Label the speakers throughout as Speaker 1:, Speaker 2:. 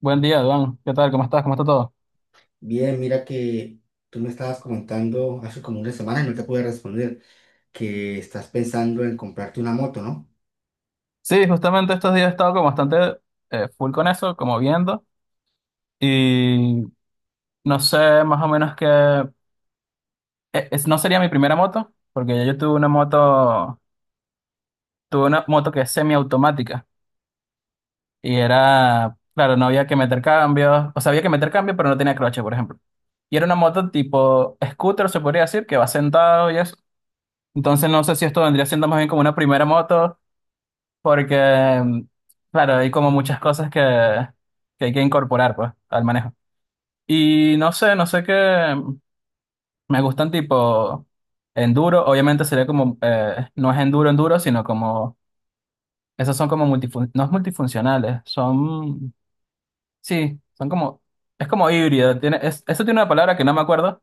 Speaker 1: Buen día, Duan. ¿Qué tal? ¿Cómo estás? ¿Cómo está todo?
Speaker 2: Bien, mira que tú me estabas comentando hace como una semana y no te pude responder que estás pensando en comprarte una moto, ¿no?
Speaker 1: Sí, justamente estos días he estado como bastante full con eso, como viendo. Y no sé más o menos que... no sería mi primera moto, porque ya yo tuve una moto que es semiautomática. Y era, claro, no había que meter cambios. O sea, había que meter cambios, pero no tenía croche, por ejemplo. Y era una moto tipo scooter, se podría decir, que va sentado y eso. Entonces no sé si esto vendría siendo más bien como una primera moto. Porque, claro, hay como muchas cosas que hay que incorporar, pues, al manejo. Y no sé, no sé qué me gustan tipo enduro. Obviamente sería como, no es enduro, enduro, sino como, esos son como multifun no es multifuncionales, son, sí, son como, es como híbrido. Eso tiene una palabra que no me acuerdo.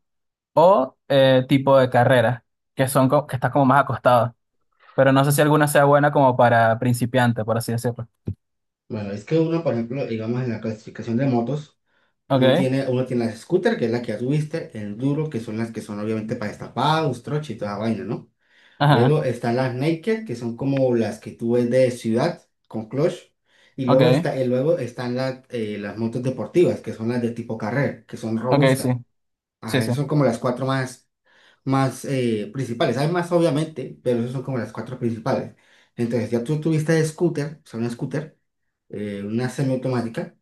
Speaker 1: O tipo de carrera, que son, que está como más acostado. Pero no sé si alguna sea buena como para principiante, por así decirlo.
Speaker 2: Bueno, es que uno, por ejemplo, digamos en la clasificación de motos, uno
Speaker 1: Ok,
Speaker 2: tiene, uno tiene las scooter, que es la que ya tuviste, el duro, que son las que son obviamente para destapados, troche y toda esa vaina, ¿no?
Speaker 1: ajá,
Speaker 2: Luego están las naked, que son como las que tú ves de ciudad con clutch. Y luego,
Speaker 1: ok.
Speaker 2: está, y luego están las motos deportivas, que son las de tipo carrera, que son
Speaker 1: Ok, sí,
Speaker 2: robustas.
Speaker 1: sí,
Speaker 2: Ajá,
Speaker 1: sí,
Speaker 2: esas son como las cuatro más principales. Hay más, obviamente, pero esas son como las cuatro principales. Entonces, ya tú tuviste scooter, o sea, una scooter, una semiautomática.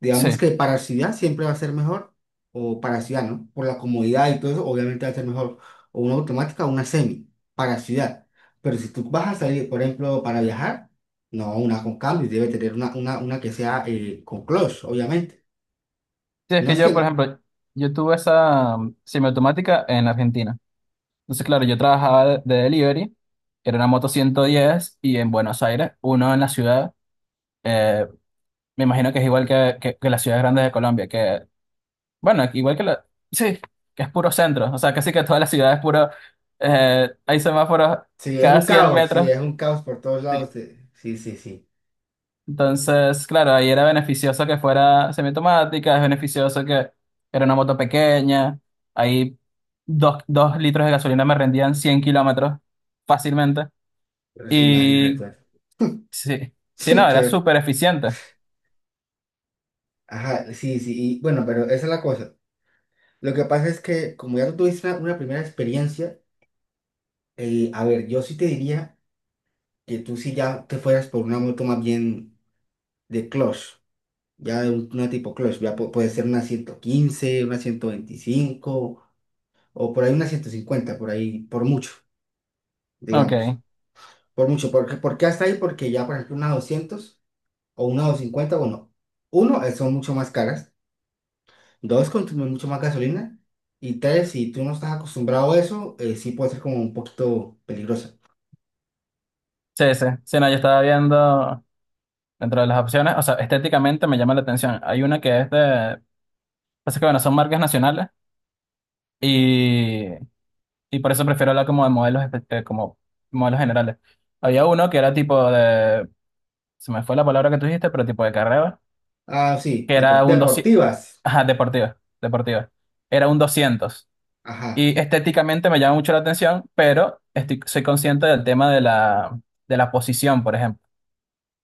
Speaker 2: Digamos
Speaker 1: sí.
Speaker 2: que para ciudad siempre va a ser mejor, o para ciudad, ¿no? Por la comodidad y todo eso, obviamente va a ser mejor. O una automática o una semi, para ciudad. Pero si tú vas a salir, por ejemplo, para viajar, no, una con cambios, debe tener una que sea con clutch, obviamente.
Speaker 1: Sí, es
Speaker 2: No
Speaker 1: que
Speaker 2: es
Speaker 1: yo, por
Speaker 2: que,
Speaker 1: ejemplo, yo tuve esa semiautomática en Argentina. Entonces, claro, yo trabajaba de delivery, era una moto 110 y en Buenos Aires, uno en la ciudad, eh, me imagino que es igual que las ciudades grandes de Colombia, que, bueno, igual que la, sí, que es puro centro, o sea, casi que toda la ciudad es puro, hay semáforos
Speaker 2: si es
Speaker 1: cada
Speaker 2: un
Speaker 1: 100
Speaker 2: caos, sí,
Speaker 1: metros.
Speaker 2: es un caos por todos lados. Sí, sí, sí.
Speaker 1: Entonces, claro, ahí era beneficioso que fuera semiautomática, es beneficioso que era una moto pequeña, ahí dos litros de gasolina me rendían 100 kilómetros fácilmente.
Speaker 2: Pero se imagina
Speaker 1: Y sí, sí,
Speaker 2: Sí,
Speaker 1: no, era
Speaker 2: que,
Speaker 1: súper eficiente.
Speaker 2: ajá, sí, sí, y bueno, pero esa es la cosa. Lo que pasa es que como ya tú tuviste una primera experiencia, a ver, yo sí te diría que tú sí ya te fueras por una moto más bien de clutch, ya de una tipo clutch, ya puede ser una 115 una 125 o por ahí una 150 por ahí, por mucho,
Speaker 1: Ok,
Speaker 2: digamos, por mucho, porque, ¿por qué hasta ahí? Porque ya, por ejemplo, una 200 o una 250, bueno, uno, son mucho más caras. Dos, consume mucho más gasolina. Y tres, si tú no estás acostumbrado a eso, sí puede ser como un poquito peligrosa.
Speaker 1: sí, sí, sí, no, yo estaba viendo dentro de las opciones, o sea, estéticamente me llama la atención. Hay una que es de, pasa que bueno, son marcas nacionales y, y por eso prefiero hablar como de modelos, como modelos generales. Había uno que era tipo de, se me fue la palabra que tú dijiste, pero tipo de carrera,
Speaker 2: Ah, sí,
Speaker 1: que era un 200,
Speaker 2: deportivas.
Speaker 1: ajá, deportiva, deportiva, era un 200.
Speaker 2: Ajá.
Speaker 1: Y estéticamente me llama mucho la atención, pero soy consciente del tema de la posición, por ejemplo,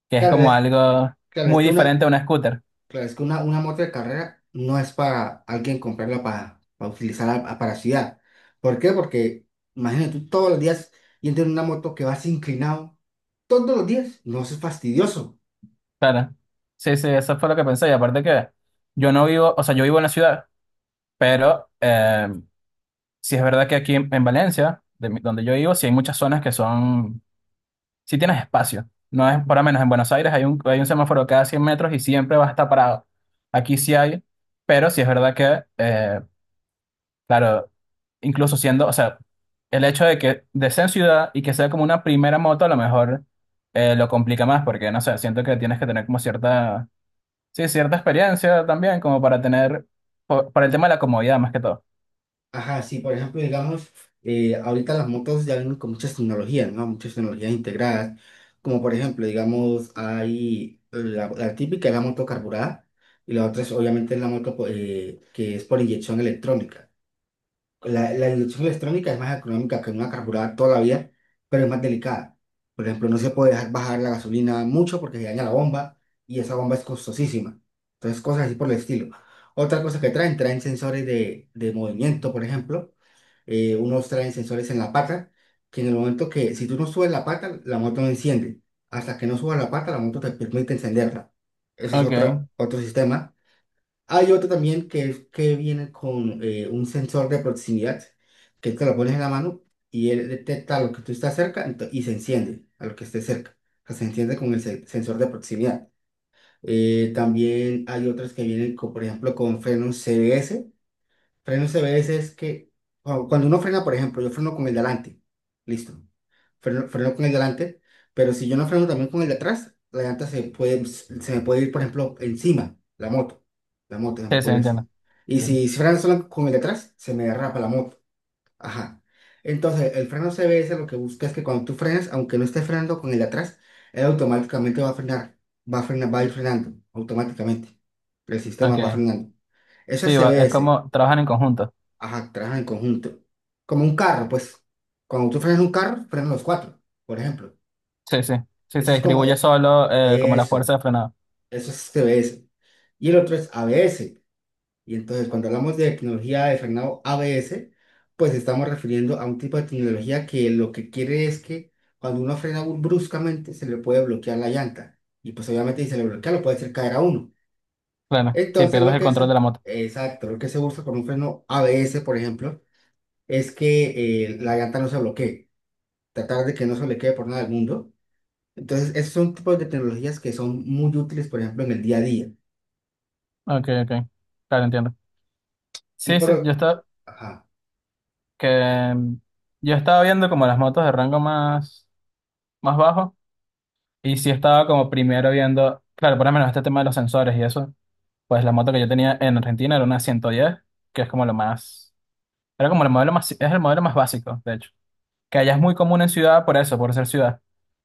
Speaker 1: que es
Speaker 2: Claro,
Speaker 1: como
Speaker 2: eh,
Speaker 1: algo
Speaker 2: claro, es
Speaker 1: muy
Speaker 2: que una,
Speaker 1: diferente a una scooter.
Speaker 2: claro, es que una moto de carrera no es para alguien comprarla para utilizarla para ciudad. ¿Por qué? Porque imagínate tú todos los días y en una moto que vas inclinado, todos los días, no eso es fastidioso.
Speaker 1: Claro. Sí, sí, eso fue lo que pensé. Y aparte que yo no vivo, o sea, yo vivo en la ciudad, pero sí es verdad que aquí en Valencia, donde yo vivo, sí hay muchas zonas que son si tienes espacio. No es, por lo menos en Buenos Aires hay un semáforo cada 100 metros y siempre va a estar parado. Aquí sí hay, pero sí es verdad que, claro, incluso siendo, o sea, el hecho de que de ser en ciudad y que sea como una primera moto, a lo mejor lo complica más, porque no sé, siento que tienes que tener como cierta, sí, cierta experiencia también, como para tener, para el tema de la comodidad más que todo.
Speaker 2: Ajá, sí, por ejemplo, digamos, ahorita las motos ya vienen con muchas tecnologías, ¿no? Muchas tecnologías integradas, como por ejemplo, digamos, hay la típica es la moto carburada y la otra es obviamente la moto que es por inyección electrónica. La inyección electrónica es más económica que una carburada todavía, pero es más delicada. Por ejemplo, no se puede dejar bajar la gasolina mucho porque se daña la bomba y esa bomba es costosísima. Entonces, cosas así por el estilo. Otra cosa que traen sensores de movimiento, por ejemplo unos traen sensores en la pata, que en el momento que, si tú no subes la pata, la moto no enciende. Hasta que no subas la pata, la moto te permite encenderla. Ese es
Speaker 1: Ok,
Speaker 2: otro sistema. Hay otro también que es que viene con un sensor de proximidad, que te lo pones en la mano y él detecta lo que tú estás cerca y se enciende a lo que esté cerca. O sea, se enciende con el sensor de proximidad. También hay otros que vienen, con, por ejemplo, con frenos CBS. Freno CBS es que cuando uno frena, por ejemplo, yo freno con el de delante. Listo. Freno con el de delante. Pero si yo no freno también con el de atrás, la llanta se me puede ir, por ejemplo, encima, la moto. La moto se me
Speaker 1: sí, sí,
Speaker 2: puede ir encima.
Speaker 1: entiendo.
Speaker 2: Y
Speaker 1: Entiendo.
Speaker 2: si freno solo con el de atrás, se me derrapa la moto. Ajá. Entonces, el freno CBS lo que busca es que cuando tú frenas, aunque no estés frenando con el de atrás, él automáticamente va a frenar. Va a frenar, va a ir frenando automáticamente. El sistema
Speaker 1: Ok.
Speaker 2: va frenando. Eso es
Speaker 1: Sí, es
Speaker 2: CBS.
Speaker 1: como trabajan en conjunto.
Speaker 2: Ajá, trabajan en conjunto. Como un carro, pues. Cuando tú frenas un carro, frenan los cuatro, por ejemplo.
Speaker 1: Sí, sí. Si se
Speaker 2: Eso es como,
Speaker 1: distribuye solo, como la
Speaker 2: eso,
Speaker 1: fuerza de frenado.
Speaker 2: eso es TBS. Y el otro es ABS. Y entonces, cuando hablamos de tecnología de frenado ABS, pues estamos refiriendo a un tipo de tecnología que lo que quiere es que cuando uno frena bruscamente, se le puede bloquear la llanta. Y pues obviamente si se le bloquea, lo puede hacer caer a uno.
Speaker 1: Claro, si
Speaker 2: Entonces,
Speaker 1: pierdes
Speaker 2: lo
Speaker 1: el
Speaker 2: que es,
Speaker 1: control de la moto.
Speaker 2: exacto, lo que se usa con un freno ABS, por ejemplo, es que la llanta no se bloquee, tratar de que no se bloquee por nada del mundo. Entonces, esos son tipos de tecnologías que son muy útiles, por ejemplo, en el día a día.
Speaker 1: Ok, ok. Claro, entiendo.
Speaker 2: Y
Speaker 1: Sí, sí,
Speaker 2: por...
Speaker 1: yo estaba,
Speaker 2: Ajá,
Speaker 1: que, yo estaba viendo como las motos de rango más bajo. Y sí estaba como primero viendo, claro, por lo menos este tema de los sensores y eso. Pues la moto que yo tenía en Argentina era una 110, que es como lo más, era como el modelo más, es el modelo más básico, de hecho. Que allá es muy común en ciudad por eso, por ser ciudad.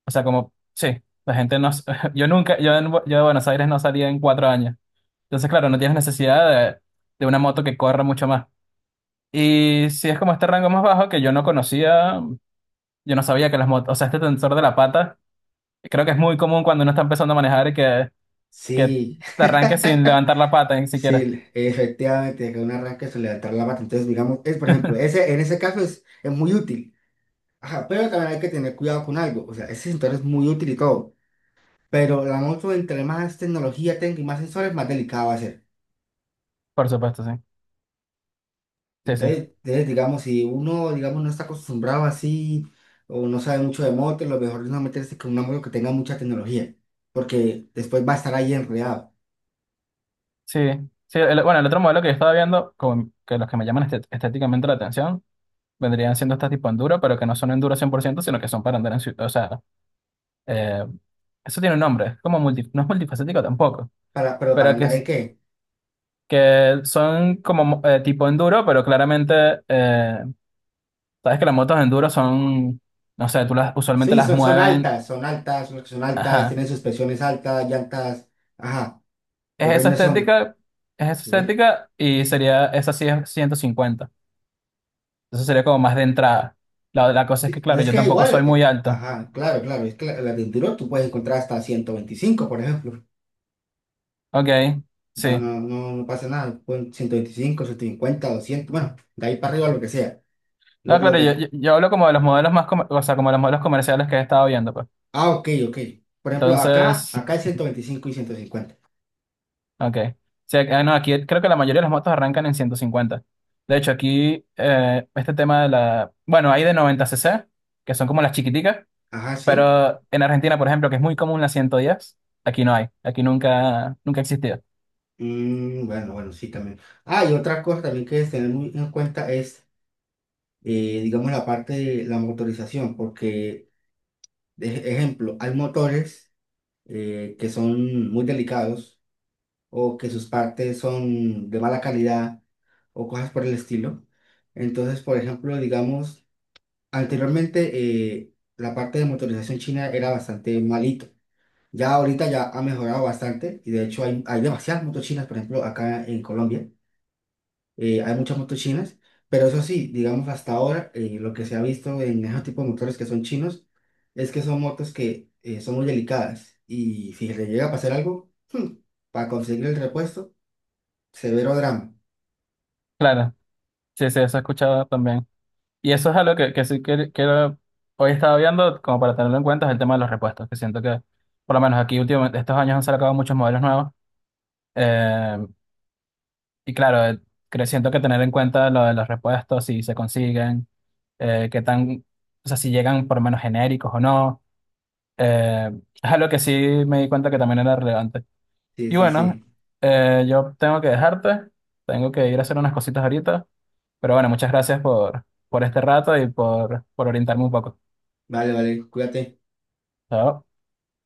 Speaker 1: O sea, como, sí, la gente no... Yo nunca, yo, en Bu- yo de Buenos Aires no salía en 4 años. Entonces, claro, no tienes necesidad de, de una moto que corra mucho más. Y si es como este rango más bajo que yo no conocía, yo no sabía que las motos, o sea, este tensor de la pata, creo que es muy común cuando uno está empezando a manejar y que
Speaker 2: sí,
Speaker 1: te arranques sin levantar la pata ni siquiera.
Speaker 2: sí, efectivamente, que un arranque se le altera la pata. Entonces, digamos, es, por ejemplo, ese, en ese caso es muy útil. Ajá, pero también hay que tener cuidado con algo. O sea, ese sensor es muy útil y todo. Pero la moto, entre más tecnología tenga y más sensores, más delicado va a ser.
Speaker 1: Por supuesto, sí. Sí, sí.
Speaker 2: Entonces, digamos, si uno, digamos, no está acostumbrado así o no sabe mucho de moto, lo mejor es no meterse con una moto que tenga mucha tecnología, porque después va a estar ahí enredado.
Speaker 1: Sí, sí. Bueno, el otro modelo que yo estaba viendo, como que los que me llaman estéticamente la atención. Vendrían siendo estas tipo enduro, pero que no son enduro 100% sino que son para andar en ciudad. O sea, eh, eso tiene un nombre, es como no es multifacético tampoco,
Speaker 2: ¿Pero para
Speaker 1: pero que,
Speaker 2: andar en qué?
Speaker 1: que son como tipo enduro, pero claramente, sabes que las motos enduro son, no sé, tú las usualmente
Speaker 2: Sí,
Speaker 1: las
Speaker 2: son
Speaker 1: mueven,
Speaker 2: altas, son altas, son altas,
Speaker 1: ajá,
Speaker 2: tienen suspensiones altas, llantas, ajá,
Speaker 1: es
Speaker 2: los
Speaker 1: esa
Speaker 2: rines son...
Speaker 1: estética,
Speaker 2: Sí,
Speaker 1: esa sí es 150, entonces sería como más de entrada. La cosa es que,
Speaker 2: sí, no
Speaker 1: claro,
Speaker 2: es
Speaker 1: yo
Speaker 2: que
Speaker 1: tampoco
Speaker 2: igual,
Speaker 1: soy muy alto,
Speaker 2: ajá, claro, claro, es que la de enduro tú puedes encontrar hasta 125 por ejemplo.
Speaker 1: ok,
Speaker 2: O sea,
Speaker 1: sí.
Speaker 2: no, no, no pasa nada, pon 125, 150 200 bueno, de ahí para arriba lo que sea.
Speaker 1: No,
Speaker 2: Lo
Speaker 1: claro, yo,
Speaker 2: que...
Speaker 1: yo, yo hablo como de los modelos más, o sea, como de los modelos comerciales que he estado viendo, pues.
Speaker 2: Ah, ok, ok. Por ejemplo, acá,
Speaker 1: Entonces,
Speaker 2: acá es 125 y 150.
Speaker 1: ok. Sí, ah, no, aquí creo que la mayoría de las motos arrancan en 150. De hecho, aquí este tema de la... Bueno, hay de 90 cc que son como las chiquiticas,
Speaker 2: Ajá, sí.
Speaker 1: pero en Argentina, por ejemplo, que es muy común la 110 aquí no hay. Aquí nunca, nunca ha existido.
Speaker 2: Bueno, bueno, sí, también. Ah, y otra cosa también que es tener muy en cuenta es, digamos, la parte de la motorización, porque, de ejemplo, hay motores que son muy delicados o que sus partes son de mala calidad o cosas por el estilo. Entonces, por ejemplo, digamos, anteriormente la parte de motorización china era bastante malito. Ya ahorita ya ha mejorado bastante y de hecho hay demasiadas motos chinas, por ejemplo, acá en Colombia, hay muchas motos chinas, pero eso sí, digamos hasta ahora lo que se ha visto en esos tipos de motores que son chinos es que son motos que son muy delicadas y si le llega a pasar algo, para conseguir el repuesto, severo drama.
Speaker 1: Claro, sí, sí, eso he escuchado también. Y eso es algo que sí que hoy estaba viendo, como para tenerlo en cuenta, es el tema de los repuestos, que siento que, por lo menos aquí últimamente, estos años han sacado muchos modelos nuevos. Eh, y claro, creo, siento que tener en cuenta lo de los repuestos, si se consiguen, qué tan, o sea, si llegan por lo menos genéricos o no, eh, es algo que sí me di cuenta que también era relevante.
Speaker 2: Sí,
Speaker 1: Y
Speaker 2: sí,
Speaker 1: bueno,
Speaker 2: sí.
Speaker 1: yo tengo que dejarte, tengo que ir a hacer unas cositas ahorita, pero bueno, muchas gracias por este rato y por orientarme un poco.
Speaker 2: Vale, vale, cuídate.
Speaker 1: Chao.